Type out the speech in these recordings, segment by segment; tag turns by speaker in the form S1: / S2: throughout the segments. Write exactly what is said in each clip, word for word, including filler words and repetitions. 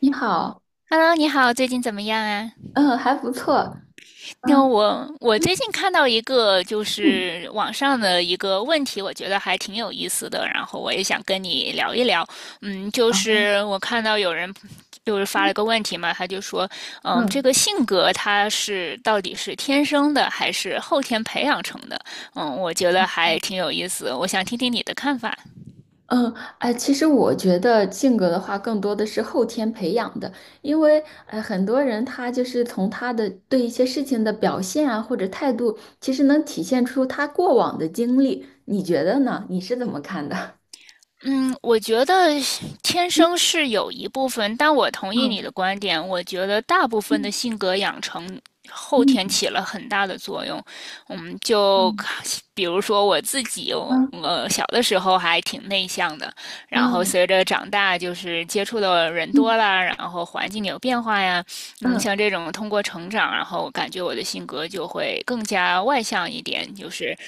S1: 你好。
S2: Hello，你好，最近怎么样啊？
S1: 嗯，还不错。
S2: 那
S1: 嗯
S2: 我我
S1: 嗯
S2: 最近看到一个就
S1: 嗯
S2: 是网上的一个问题，我觉得还挺有意思的，然后我也想跟你聊一聊。嗯，就
S1: 啊
S2: 是我看到有人就是发了个问题嘛，他就说，嗯，这
S1: 嗯
S2: 个性格他是到底是天生的还是后天培养成的？嗯，我觉得还挺有意思，我想听听你的看法。
S1: 嗯。哎，其实我觉得性格的话，更多的是后天培养的，因为呃，很多人他就是从他的对一些事情的表现啊，或者态度，其实能体现出他过往的经历。你觉得呢？你是怎么看的？
S2: 嗯，我觉得天生是有一部分，但我同意
S1: 嗯
S2: 你的观点。我觉得大部分的
S1: 嗯
S2: 性格养成后天起了很大的作用。嗯，就
S1: 嗯
S2: 比如说我自己，我
S1: 嗯
S2: 我小的时候还挺内向的，然后
S1: 嗯
S2: 随着长大，就是接触的人多
S1: 嗯
S2: 了，然后环境有变化呀，嗯，
S1: 嗯
S2: 像这种通过成长，然后感觉我的性格就会更加外向一点，就是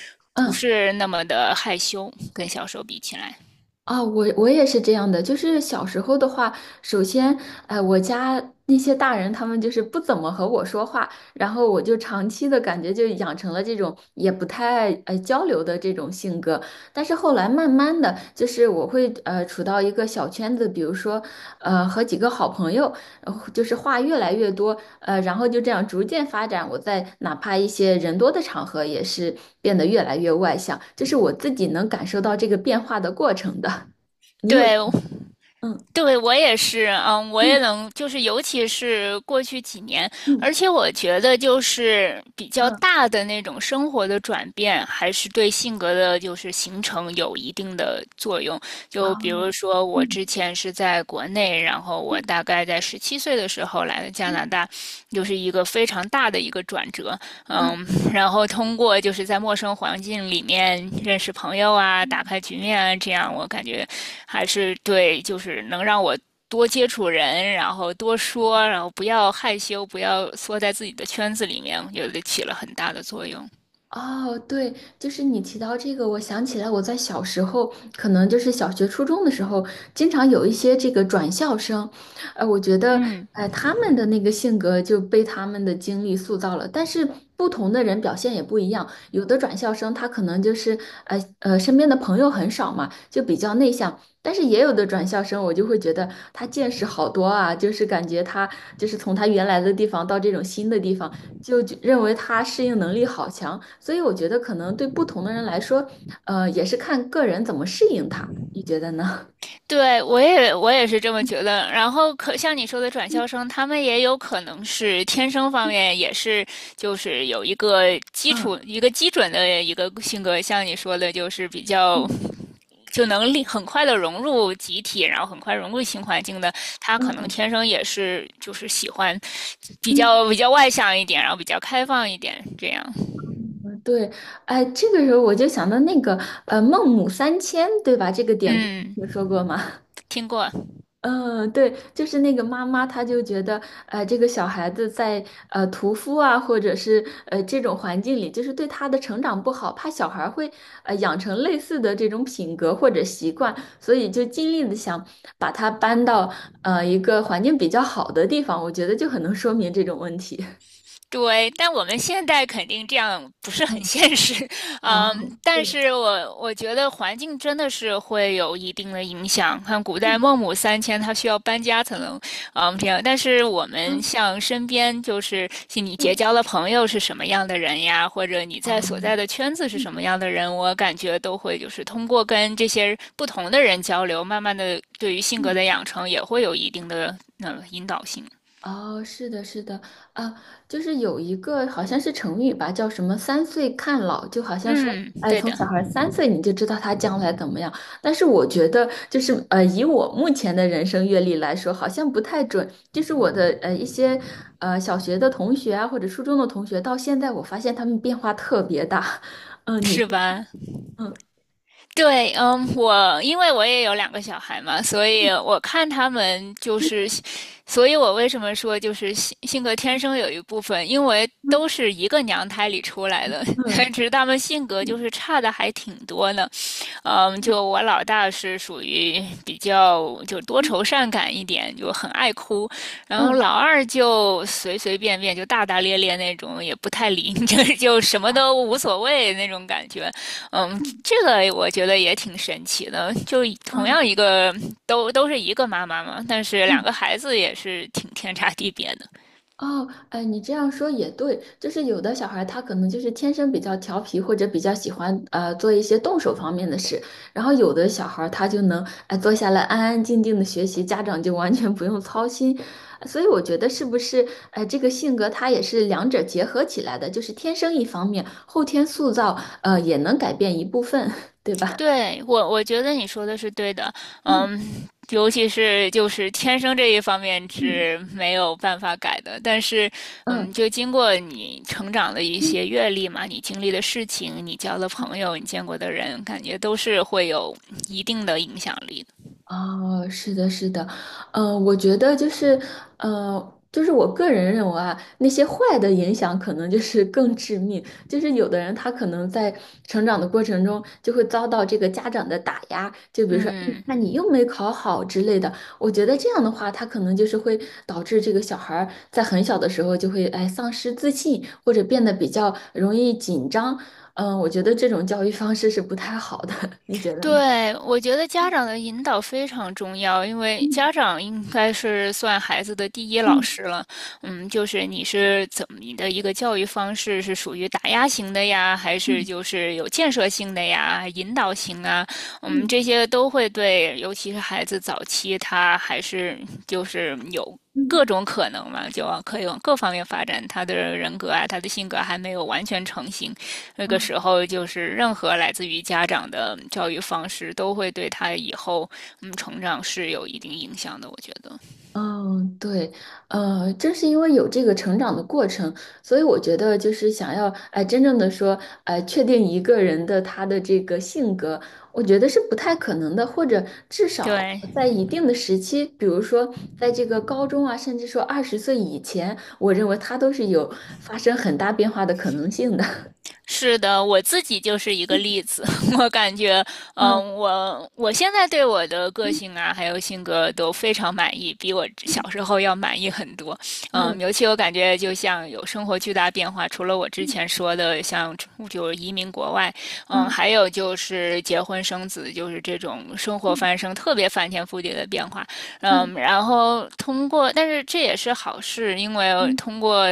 S2: 不
S1: 嗯。
S2: 是那么的害羞，跟小时候比起来。
S1: 啊，我我也是这样的，就是小时候的话，首先，呃，我家那些大人他们就是不怎么和我说话，然后我就长期的感觉就养成了这种也不太爱呃交流的这种性格。但是后来慢慢的，就是我会呃处到一个小圈子，比如说呃和几个好朋友，然后就是话越来越多，呃，然后就这样逐渐发展。我在哪怕一些人多的场合，也是变得越来越外向，这是我自己能感受到这个变化的过程的。你有，
S2: 对，
S1: 嗯
S2: 对，我也是，嗯，我也
S1: 嗯
S2: 能，就是尤其是过去几年，
S1: 嗯
S2: 而且我觉得就是比较
S1: 嗯，
S2: 大的那种生活的转变，还是对性格的就是形成有一定的作用。就比如
S1: 哦，
S2: 说我
S1: 嗯
S2: 之前是在国内，然后我大概在十七岁的时候来的加
S1: 嗯
S2: 拿大，就是一个非常大的一个转折，嗯，然后通过就是在陌生环境里面认识朋友啊，打
S1: 嗯。
S2: 开局面啊，这样我感觉。还是对，就是能让我多接触人，然后多说，然后不要害羞，不要缩在自己的圈子里面，我觉得起了很大的作用。
S1: 哦，对，就是你提到这个，我想起来我在小时候，可能就是小学、初中的时候，经常有一些这个转校生，呃，我觉得，
S2: 嗯，
S1: 呃，他们的那个性格就被他们的经历塑造了，但是不同的人表现也不一样，有的转校生他可能就是，呃呃，身边的朋友很少嘛，就比较内向，但是也有的转校生，我就会觉得他见识好多啊，就是感觉他就是从他原来的地方到这种新的地方。就就认为他适应能力好强，所以我觉得可能对不同的人来说，呃，也是看个人怎么适应他。你觉得呢？
S2: 对，我也我也是这么 觉得。然后可像你说的转校生，他们也有可能是天生方面也是就是有一个基础
S1: 嗯
S2: 一个基准的一个性格，像你说的，就是比较
S1: 嗯
S2: 就能力很快的融入集体，然后很快融入新环境的。他可能
S1: 嗯
S2: 天生也是就是喜欢比
S1: 嗯，
S2: 较比较外向一点，然后比较开放一点这样。
S1: 嗯对，哎，这个时候我就想到那个呃孟母三迁，对吧？这个典故你
S2: 嗯，
S1: 听说过吗？
S2: 听过。
S1: 嗯，对，就是那个妈妈，她就觉得，呃，这个小孩子在呃屠夫啊，或者是呃这种环境里，就是对他的成长不好，怕小孩儿会呃养成类似的这种品格或者习惯，所以就尽力的想把他搬到呃一个环境比较好的地方，我觉得就很能说明这种问题。
S2: 对，但我们现在肯定这样不是很
S1: 嗯，
S2: 现实，
S1: 哦，
S2: 嗯，但
S1: 对，
S2: 是我我觉得环境真的是会有一定的影响。看古代孟母三迁，她需要搬家才能，嗯，这样。但是我们
S1: 嗯
S2: 像身边就是是你结
S1: 嗯，
S2: 交的朋友是什么样的人呀，或者你
S1: 哦，
S2: 在所在的圈子是
S1: 嗯
S2: 什么样的人，我感觉都会就是通过跟这些不同的人交流，慢慢的对于性格
S1: 嗯。
S2: 的养成也会有一定的呃引导性。
S1: 哦，是的，是的。啊，就是有一个好像是成语吧，叫什么“三岁看老”，就好像说，
S2: 嗯，
S1: 哎，
S2: 对
S1: 从
S2: 的，
S1: 小孩三岁你就知道他将来怎么样。但是我觉得，就是呃，以我目前的人生阅历来说，好像不太准。就是我的呃一些呃小学的同学啊，或者初中的同学，到现在我发现他们变化特别大。嗯、你，
S2: 是吧？
S1: 嗯
S2: 对，嗯，我因为我也有两个小孩嘛，所以我看他们就是，所以我为什么说就是性性格天生有一部分，因为都
S1: 嗯
S2: 是一个娘胎里出来的，
S1: 嗯
S2: 只是他们性格就
S1: 嗯
S2: 是差的还挺多呢。嗯，
S1: 嗯
S2: 就我老大是属于比较就多愁善感一点，就很爱哭，然后
S1: 嗯
S2: 老二就随随便便就大大咧咧那种，也不太理你，就就什么都无所谓那种感觉。嗯，这个我觉得也挺神奇的，就同
S1: 嗯嗯。嗯
S2: 样一个都都是一个妈妈嘛，但是两
S1: 嗯
S2: 个孩子也是挺天差地别的。
S1: 哦，哎，你这样说也对，就是有的小孩他可能就是天生比较调皮，或者比较喜欢呃做一些动手方面的事，然后有的小孩他就能哎坐下来安安静静的学习，家长就完全不用操心，所以我觉得是不是哎这个性格他也是两者结合起来的，就是天生一方面，后天塑造呃也能改变一部分，对吧？
S2: 对，我我觉得你说的是对的，
S1: 嗯
S2: 嗯，尤其是就是天生这一方面
S1: 嗯
S2: 是没有办法改的，但是，嗯，
S1: 嗯。
S2: 就经过你成长的一些阅历嘛，你经历的事情，你交的
S1: 嗯
S2: 朋友，你见过的人，感觉都是会有一定的影响力的。
S1: 哦，是的，是的。嗯，我觉得就是，呃，就是我个人认为啊，那些坏的影响可能就是更致命，就是有的人他可能在成长的过程中就会遭到这个家长的打压，就比如说，哎你
S2: 嗯。
S1: 那你又没考好之类的。我觉得这样的话，他可能就是会导致这个小孩儿在很小的时候就会哎丧失自信，或者变得比较容易紧张。嗯、我觉得这种教育方式是不太好的，你觉得呢？
S2: 对，我觉得家长的引导非常重要，因为
S1: 嗯
S2: 家长应该是算孩子的第一老师了。嗯，就是你是怎么你的一个教育方式是属于打压型的呀，还是
S1: 嗯
S2: 就是有建设性的呀、引导型啊？嗯，
S1: 嗯
S2: 这些都会对，尤其是孩子早期他还是就是有。
S1: 嗯嗯。
S2: 各种可能嘛，就可以往各方面发展。他的人格啊，他的性格还没有完全成型，那个时候，就是任何来自于家长的教育方式，都会对他以后嗯成长是有一定影响的。我觉得，
S1: 嗯，对，呃，正是因为有这个成长的过程，所以我觉得就是想要，哎，真正的说，哎，确定一个人的他的这个性格，我觉得是不太可能的，或者至少
S2: 对，
S1: 在一定的时期，比如说在这个高中啊，甚至说二十岁以前，我认为他都是有发生很大变化的可能性的。
S2: 是的，我自己就是一个例 子。我感觉，
S1: 嗯
S2: 嗯，我我现在对我的个性啊，还有性格都非常满意，比我小时候要满意很多。嗯，
S1: 嗯
S2: 尤其我感觉，就像有生活巨大变化，除了我之前说的，像就是移民国外，嗯，
S1: 嗯
S2: 还有就是结婚生子，就是这种生活翻生，特别翻天覆地的变化。
S1: 嗯
S2: 嗯，然后通过，但是这也是好事，因为通过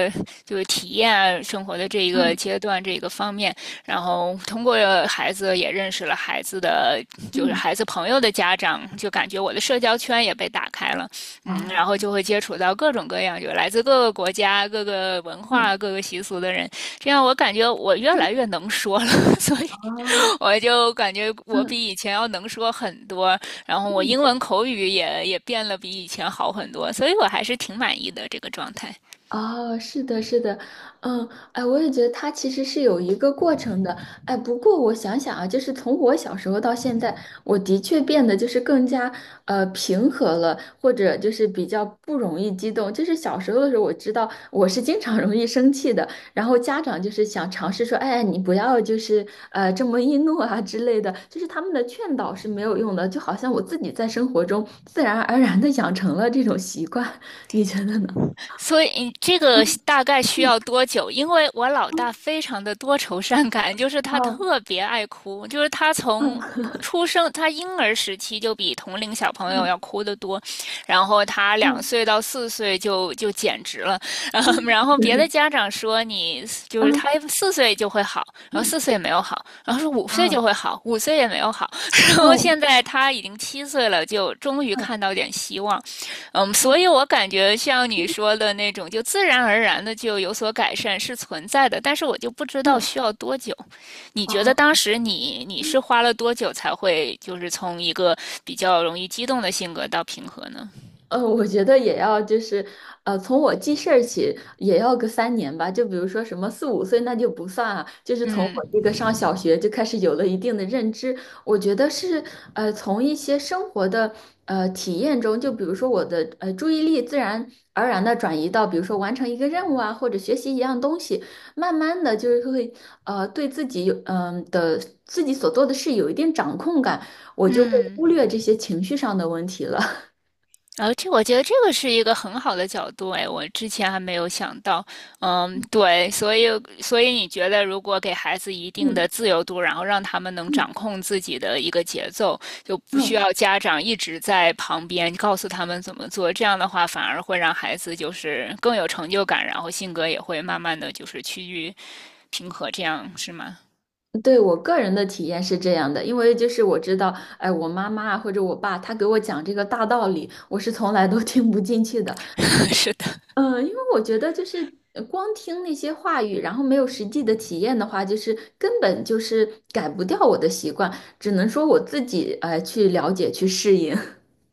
S2: 就是体验啊生活的这一个
S1: 嗯
S2: 阶段这一个方面，然后通过孩子也认识了孩子的就是
S1: 嗯嗯，
S2: 孩子朋友的家长，就感觉我的社交圈也被打开了，嗯，
S1: 哦，
S2: 然后就会接触到各种各样就来自各个国家、各个文
S1: 嗯
S2: 化、各个习俗的人，这样我感觉我越来越能说了，所以
S1: 哦，
S2: 我就感觉我
S1: 嗯。
S2: 比以前要能说很多，然后我英文口语也也变了比以前好很多，所以我还是挺满意的这个状态。
S1: 哦，是的，是的。嗯，哎，我也觉得他其实是有一个过程的，哎，不过我想想啊，就是从我小时候到现在，我的确变得就是更加呃平和了，或者就是比较不容易激动。就是小时候的时候，我知道我是经常容易生气的，然后家长就是想尝试说，哎，你不要就是呃这么易怒啊之类的，就是他们的劝导是没有用的，就好像我自己在生活中自然而然的养成了这种习惯，你觉得呢？
S2: 所以你这个大概需
S1: 嗯。
S2: 要多久？因为我老大非常的多愁善感，就是他
S1: 哦，
S2: 特别爱哭，就是他从
S1: 嗯
S2: 出生，他婴儿时期就比同龄小朋友
S1: 嗯
S2: 要哭得多，然后他两
S1: 嗯
S2: 岁到四岁就就简直了，嗯然后别的
S1: 嗯
S2: 家长说你就是
S1: 嗯
S2: 他四岁就会好，然后四岁也没有好，然后说五岁
S1: 啊
S2: 就会好，五岁也没有好，然后
S1: 嗯
S2: 现在他已经七岁了，就终于
S1: 啊
S2: 看到点希望。嗯，所以
S1: 嗯
S2: 我感觉像你说的那种，就自然而然的就有所改善是存在的，但是我就不知
S1: 嗯
S2: 道
S1: 嗯
S2: 需要多久。你觉得
S1: 啊
S2: 当时你你
S1: 嗯。
S2: 是花了多久才会就是从一个比较容易激动的性格到平和呢？
S1: 呃，我觉得也要就是，呃，从我记事儿起也要个三年吧。就比如说什么四五岁那就不算啊，就是从我这个上
S2: 嗯
S1: 小学就开始有了一定的认知。我觉得是，呃，从一些生活的呃体验中，就比如说我的呃注意力自然而然的转移到，比如说完成一个任务啊，或者学习一样东西，慢慢的就是会呃对自己有嗯、的自己所做的事有一定掌控感，我就会
S2: 嗯。
S1: 忽略这些情绪上的问题了。
S2: 而且我觉得这个是一个很好的角度，哎，我之前还没有想到。嗯，对，所以所以你觉得，如果给孩子一定
S1: 嗯。
S2: 的自由度，然后让他们能
S1: 嗯，
S2: 掌控自己的一个节奏，就不需
S1: 哦，
S2: 要家长一直在旁边告诉他们怎么做，这样的话反而会让孩子就是更有成就感，然后性格也会慢慢的就是趋于平和，这样是吗？
S1: 对，我个人的体验是这样的，因为就是我知道，哎，我妈妈啊或者我爸，他给我讲这个大道理，我是从来都 听不进去的。
S2: 是的，
S1: 嗯，因为我觉得就是呃光听那些话语，然后没有实际的体验的话，就是根本就是改不掉我的习惯，只能说我自己呃去了解去适应。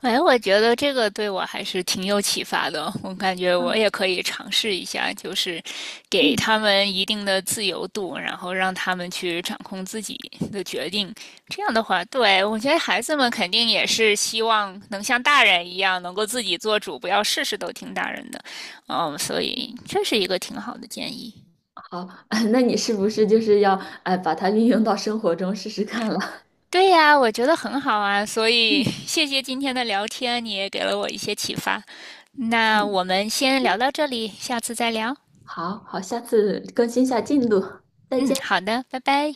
S2: 哎，我觉得这个对我还是挺有启发的。我感觉我
S1: 嗯
S2: 也可以尝试一下，就是给
S1: 嗯，
S2: 他们一定的自由度，然后让他们去掌控自己的决定。这样的话，对，我觉得孩子们肯定也是希望能像大人一样，能够自己做主，不要事事都听大人的。嗯，所以这是一个挺好的建议。
S1: 好，那你是不是就是要哎把它运用到生活中试试看了？
S2: 对呀，我觉得很好啊，所 以
S1: 嗯，
S2: 谢谢今天的聊天，你也给了我一些启发。那我们先聊到这里，下次再聊。
S1: 好好，下次更新一下进度，再
S2: 嗯，
S1: 见。
S2: 好的，拜拜。